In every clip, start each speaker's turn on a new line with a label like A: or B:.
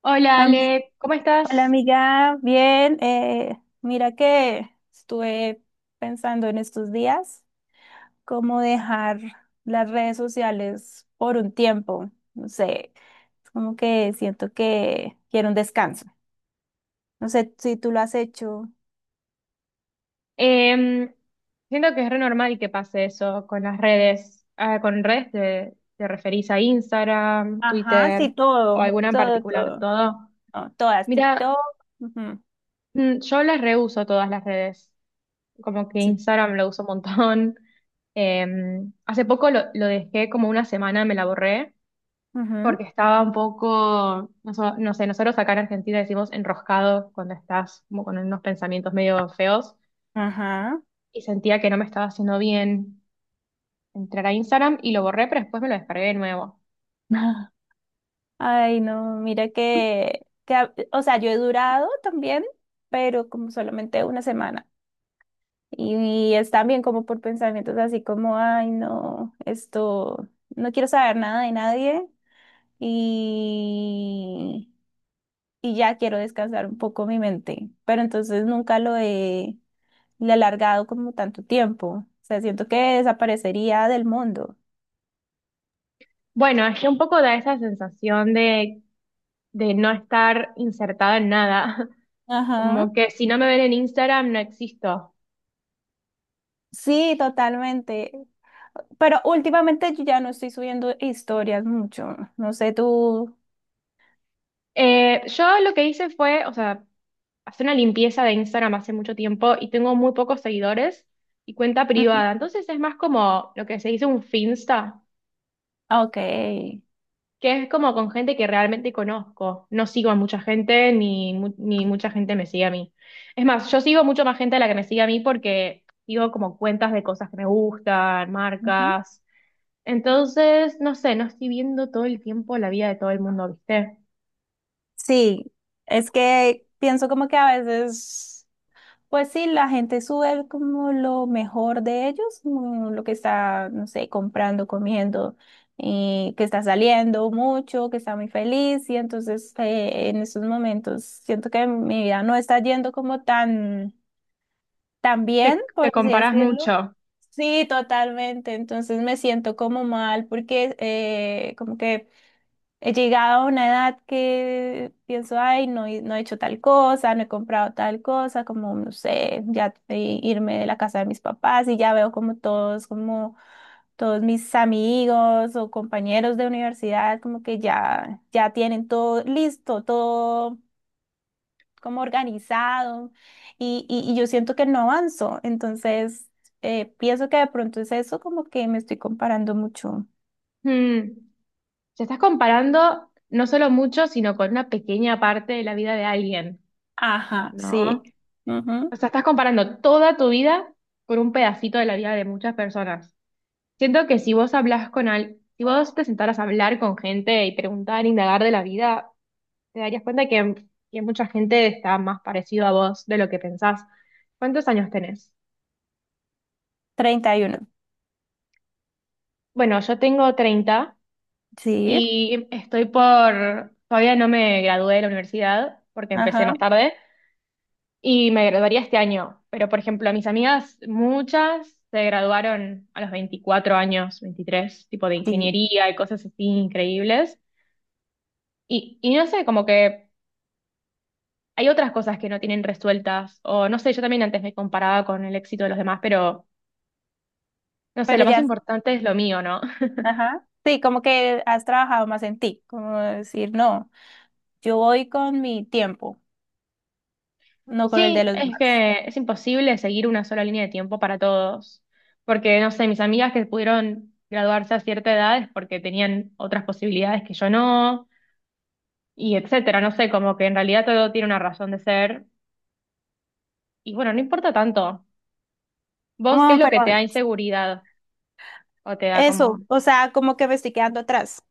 A: Hola
B: Am-
A: Ale, ¿cómo
B: Hola
A: estás?
B: amiga, bien. Mira que estuve pensando en estos días cómo dejar las redes sociales por un tiempo. No sé, es como que siento que quiero un descanso. No sé si tú lo has hecho.
A: Em, siento que es re normal que pase eso con las redes. Ah, con redes te referís a Instagram,
B: Ajá,
A: Twitter
B: sí,
A: o
B: todo,
A: alguna en
B: todo,
A: particular,
B: todo.
A: todo.
B: No, todas, TikTok.
A: Mira,
B: Ujú.
A: yo las reuso todas las redes. Como que
B: Sí.
A: Instagram lo uso un montón. Hace poco lo dejé como una semana, me la borré
B: Ujú.
A: porque estaba un poco, no, no sé, nosotros acá en Argentina decimos enroscado cuando estás como con unos pensamientos medio feos.
B: Ajá.
A: Y sentía que no me estaba haciendo bien entrar a Instagram y lo borré, pero después me lo descargué de nuevo.
B: Ay, no, mira que, o sea, yo he durado también, pero como solamente una semana. Y es también como por pensamientos así como, ay, no, esto, no quiero saber nada de nadie y, y ya quiero descansar un poco mi mente. Pero entonces nunca le he alargado como tanto tiempo. O sea, siento que desaparecería del mundo.
A: Bueno, es que un poco da esa sensación de no estar insertada en nada.
B: Ajá.
A: Como que si no me ven en Instagram no existo.
B: Sí, totalmente. Pero últimamente yo ya no estoy subiendo historias mucho. No sé tú.
A: Yo lo que hice fue, o sea, hacer una limpieza de Instagram hace mucho tiempo y tengo muy pocos seguidores y cuenta
B: Ujú.
A: privada, entonces es más como lo que se dice un Finsta,
B: Ok.
A: que es como con gente que realmente conozco. No sigo a mucha gente ni, ni mucha gente me sigue a mí. Es más, yo sigo mucho más gente de la que me sigue a mí porque sigo como cuentas de cosas que me gustan,
B: Ujú.
A: marcas. Entonces, no sé, no estoy viendo todo el tiempo la vida de todo el mundo, ¿viste?
B: Sí, es que pienso como que a veces, pues sí, la gente sube como lo mejor de ellos, como lo que está, no sé, comprando, comiendo, y que está saliendo mucho, que está muy feliz, y entonces en esos momentos siento que mi vida no está yendo como tan... también,
A: Te
B: por así
A: comparás
B: decirlo.
A: mucho.
B: Sí, totalmente. Entonces me siento como mal porque como que he llegado a una edad que pienso, ay, no, no he hecho tal cosa, no he comprado tal cosa, como, no sé, ya irme de la casa de mis papás y ya veo como todos mis amigos o compañeros de universidad, como que ya tienen todo listo, todo como organizado y, y yo siento que no avanzo. Entonces, pienso que de pronto es eso, como que me estoy comparando mucho.
A: Hmm. Te estás comparando no solo mucho, sino con una pequeña parte de la vida de alguien,
B: Ajá,
A: ¿no?
B: sí.
A: O
B: Ujú.
A: sea, estás comparando toda tu vida con un pedacito de la vida de muchas personas. Siento que si vos hablas si vos te sentaras a hablar con gente y preguntar, indagar de la vida, te darías cuenta que mucha gente está más parecido a vos de lo que pensás. ¿Cuántos años tenés?
B: 31.
A: Bueno, yo tengo 30
B: Sí,
A: y estoy todavía no me gradué de la universidad porque empecé
B: ajá,
A: más tarde y me graduaría este año. Pero, por ejemplo, mis amigas, muchas se graduaron a los 24 años, 23, tipo de
B: sí.
A: ingeniería y cosas así increíbles. Y no sé, como que hay otras cosas que no tienen resueltas, o no sé, yo también antes me comparaba con el éxito de los demás, pero no sé, lo
B: Pero
A: más
B: ya,
A: importante es lo mío, ¿no?
B: ajá. Sí, como que has trabajado más en ti, como decir, no, yo voy con mi tiempo, no con el
A: Sí,
B: de los
A: es
B: demás.
A: que es imposible seguir una sola línea de tiempo para todos, porque no sé, mis amigas que pudieron graduarse a cierta edad es porque tenían otras posibilidades que yo no, y etcétera, no sé, como que en realidad todo tiene una razón de ser, y bueno, no importa tanto. ¿Vos qué es
B: No,
A: lo
B: pero
A: que te da inseguridad o te da
B: eso,
A: como...
B: o sea, como que me estoy quedando atrás.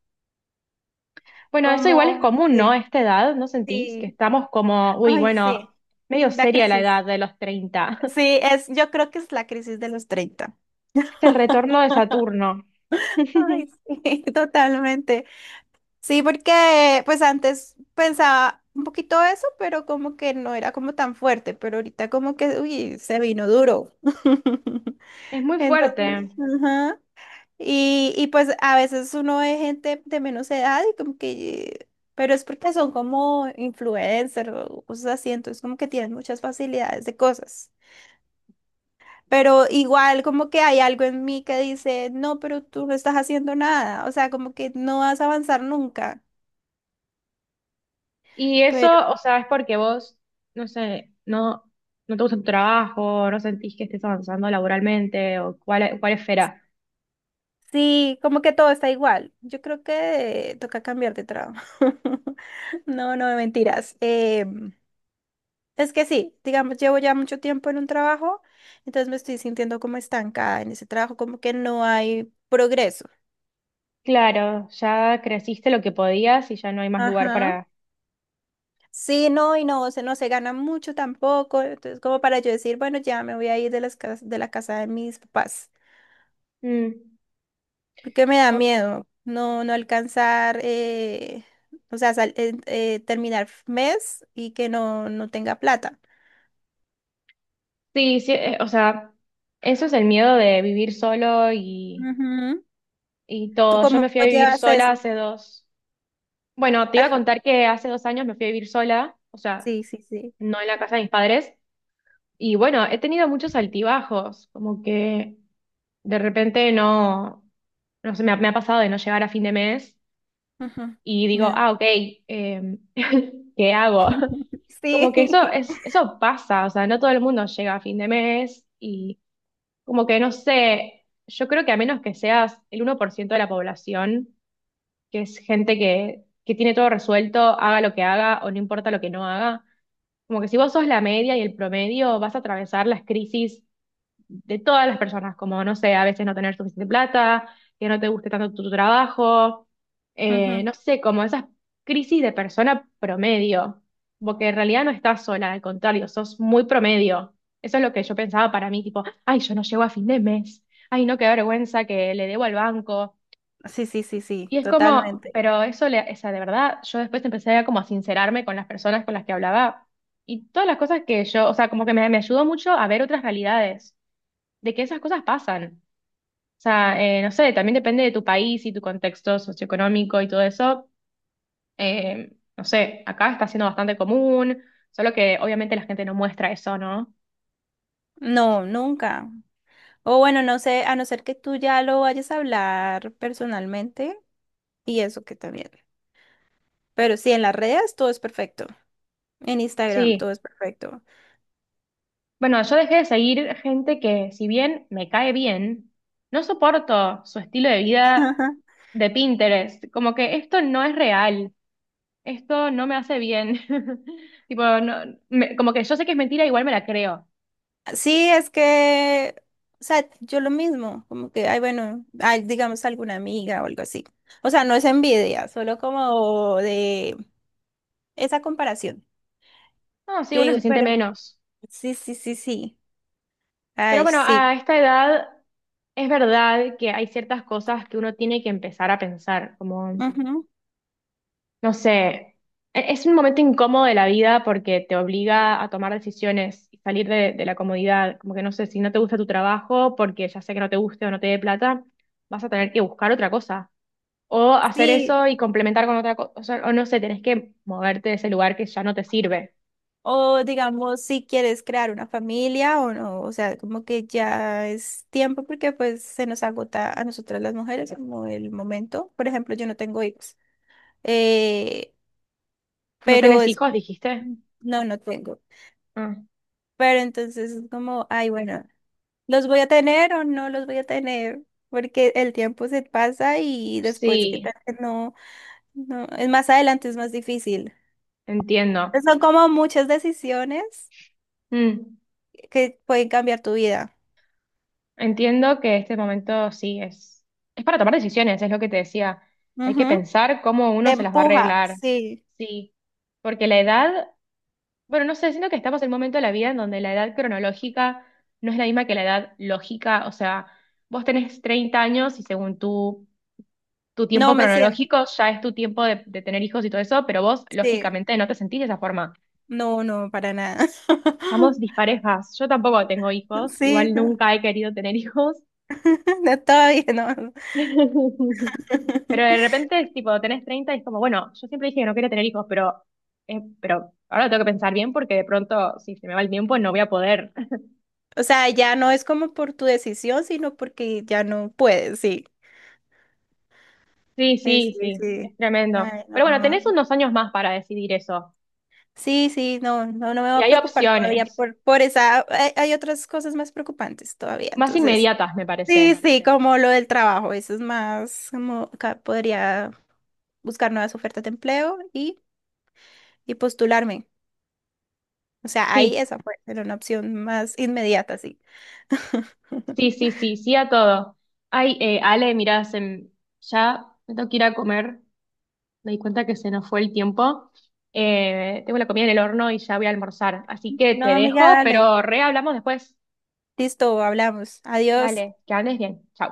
A: Bueno, eso igual es
B: Como,
A: común, ¿no? A
B: sí,
A: esta edad, ¿no sentís? Que
B: sí.
A: estamos como, uy,
B: Ay,
A: bueno,
B: sí.
A: medio
B: La
A: seria la
B: crisis.
A: edad de los 30.
B: Sí, es, yo creo que es la crisis de los 30.
A: Es el retorno de Saturno.
B: Ay, sí, totalmente. Sí, porque pues antes pensaba un poquito eso, pero como que no era como tan fuerte, pero ahorita como que, uy, se vino duro.
A: Es muy
B: Entonces,
A: fuerte.
B: ajá. Y pues a veces uno ve gente de menos edad y como que, pero es porque son como influencers o cosas así, entonces como que tienen muchas facilidades de cosas. Pero igual como que hay algo en mí que dice, no, pero tú no estás haciendo nada, o sea, como que no vas a avanzar nunca.
A: Y
B: Pero
A: eso, o sea, es porque vos, no sé, no te gusta tu trabajo, no sentís que estés avanzando laboralmente o cuál esfera.
B: sí, como que todo está igual. Yo creo que toca cambiar de trabajo. No, no, mentiras. Es que sí, digamos, llevo ya mucho tiempo en un trabajo, entonces me estoy sintiendo como estancada en ese trabajo, como que no hay progreso.
A: Claro, ya creciste lo que podías y ya no hay más lugar
B: Ajá.
A: para...
B: Sí, no, no se gana mucho tampoco. Entonces, como para yo decir, bueno, ya me voy a ir de las de la casa de mis papás,
A: Mm.
B: porque me da
A: O-
B: miedo no, no alcanzar, o sea, terminar mes y que no, no tenga plata.
A: sí, sí, o sea, eso es el miedo de vivir solo y
B: Ujú.
A: y
B: ¿Tú
A: todo. Yo
B: cómo
A: me fui a vivir
B: llevas? Ok.
A: sola
B: ¿Eso?
A: hace dos. Bueno, te iba a
B: Ajá.
A: contar que hace 2 años me fui a vivir sola, o sea,
B: Sí, sí, sí.
A: no en la casa de mis padres. Y bueno, he tenido muchos altibajos, como que de repente no sé, me ha pasado de no llegar a fin de mes
B: Ujú.
A: y digo,
B: No.
A: ah, ok, em, ¿qué hago? Como que
B: Sí.
A: eso es, eso pasa, o sea, no todo el mundo llega a fin de mes y como que no sé, yo creo que a menos que seas el 1 por ciento de la población, que es gente que tiene todo resuelto, haga lo que haga o no importa lo que no haga. Como que si vos sos la media y el promedio, vas a atravesar las crisis de todas las personas, como, no sé, a veces no tener suficiente plata, que no te guste tanto tu trabajo,
B: Ujú.
A: no sé, como esas crisis de persona promedio, porque en realidad no estás sola, al contrario, sos muy promedio. Eso es lo que yo pensaba para mí, tipo, ay, yo no llego a fin de mes, ay, no, qué vergüenza que le debo al banco
B: Sí, sí, sí, sí,
A: y es como,
B: totalmente.
A: pero eso, o sea, de verdad, yo después empecé a como a sincerarme con las personas con las que hablaba y todas las cosas que yo, o sea, como que me ayudó mucho a ver otras realidades, de que esas cosas pasan. O sea, no sé, también depende de tu país y tu contexto socioeconómico y todo eso. No sé, acá está siendo bastante común, solo que obviamente la gente no muestra eso, ¿no?
B: No, nunca. O bueno, no sé, a no ser que tú ya lo vayas a hablar personalmente, y eso que también. Pero sí, en las redes todo es perfecto. En Instagram
A: Sí.
B: todo es perfecto.
A: Bueno, yo dejé de seguir gente que, si bien me cae bien, no soporto su estilo de vida
B: Ajá.
A: de Pinterest. Como que esto no es real, esto no me hace bien. Tipo, no- me- como que yo sé que es mentira, igual me la creo.
B: Sí, es que, o sea, yo lo mismo, como que, ay, bueno, ay, digamos alguna amiga o algo así. O sea, no es envidia, solo como de esa comparación.
A: No, sí,
B: Yo
A: uno
B: digo,
A: se siente
B: pero
A: menos.
B: sí, sí, sí, sí.
A: Pero
B: Ay,
A: bueno,
B: sí.
A: a esta edad es verdad que hay ciertas cosas que uno tiene que empezar a pensar,
B: Ujú.
A: no sé, es un momento incómodo de la vida porque te obliga a tomar decisiones y salir de la comodidad. Como que no sé, si no te gusta tu trabajo porque ya sea que no te guste o no te dé plata, vas a tener que buscar otra cosa. O hacer
B: Sí.
A: eso y complementar con otra cosa. O no sé, tenés que moverte de ese lugar que ya no te sirve.
B: O digamos, si quieres crear una familia o no, o sea, como que ya es tiempo porque pues se nos agota a nosotras las mujeres como el momento. Por ejemplo, yo no tengo hijos, eh,
A: ¿No
B: pero
A: tenés
B: es,
A: hijos, dijiste?
B: no, no tengo.
A: Ah,
B: Pero entonces es como, ay, bueno, ¿los voy a tener o no los voy a tener? Porque el tiempo se pasa y después, ¿qué tal
A: sí,
B: que no? No, es más adelante, es más difícil.
A: entiendo.
B: Son como muchas decisiones
A: Mm.
B: que pueden cambiar tu vida.
A: Entiendo que este momento sí es para tomar decisiones, es lo que te decía. Hay que pensar cómo
B: Te
A: uno se las va a
B: empuja,
A: arreglar.
B: sí.
A: Sí, porque la edad, bueno, no sé, siento que estamos en un momento de la vida en donde la edad cronológica no es la misma que la edad lógica. O sea, vos tenés 30 años y según tu
B: No
A: tiempo
B: me siento,
A: cronológico ya es tu tiempo de tener hijos y todo eso, pero vos
B: sí.
A: lógicamente no te sentís de esa forma.
B: No, no, para nada.
A: Estamos disparejas. Yo tampoco tengo hijos,
B: Sí,
A: igual
B: no.
A: nunca he querido tener hijos.
B: No, todavía no.
A: Pero de repente es tipo, tenés 30 y es como, bueno, yo siempre dije que no quería tener hijos, pero ahora lo tengo que pensar bien porque de pronto, si se me va el tiempo, no voy a poder.
B: O sea, ya no es como por tu decisión, sino porque ya no puedes, sí.
A: Sí, sí,
B: Sí,
A: sí, es
B: sí.
A: tremendo.
B: Ay,
A: Pero bueno, tenés
B: no.
A: unos años más para decidir eso.
B: Sí, sí, no, no, no me va
A: Y
B: a
A: hay
B: preocupar todavía
A: opciones
B: por esa. Hay otras cosas más preocupantes todavía,
A: más
B: entonces.
A: inmediatas, me
B: Sí,
A: parece.
B: sí, como lo del trabajo, eso es más, podría buscar nuevas ofertas de empleo y postularme. O sea, ahí
A: Sí,
B: esa fue, era una opción más inmediata, sí.
A: sí, sí, sí, sí a todo. Ay, Ale, mirá, ya me tengo que ir a comer. Me di cuenta que se nos fue el tiempo. Tengo la comida en el horno y ya voy a almorzar. Así que te
B: No, amiga,
A: dejo,
B: dale.
A: pero re hablamos después.
B: Listo, hablamos. Adiós.
A: Dale, que andes bien. Chau.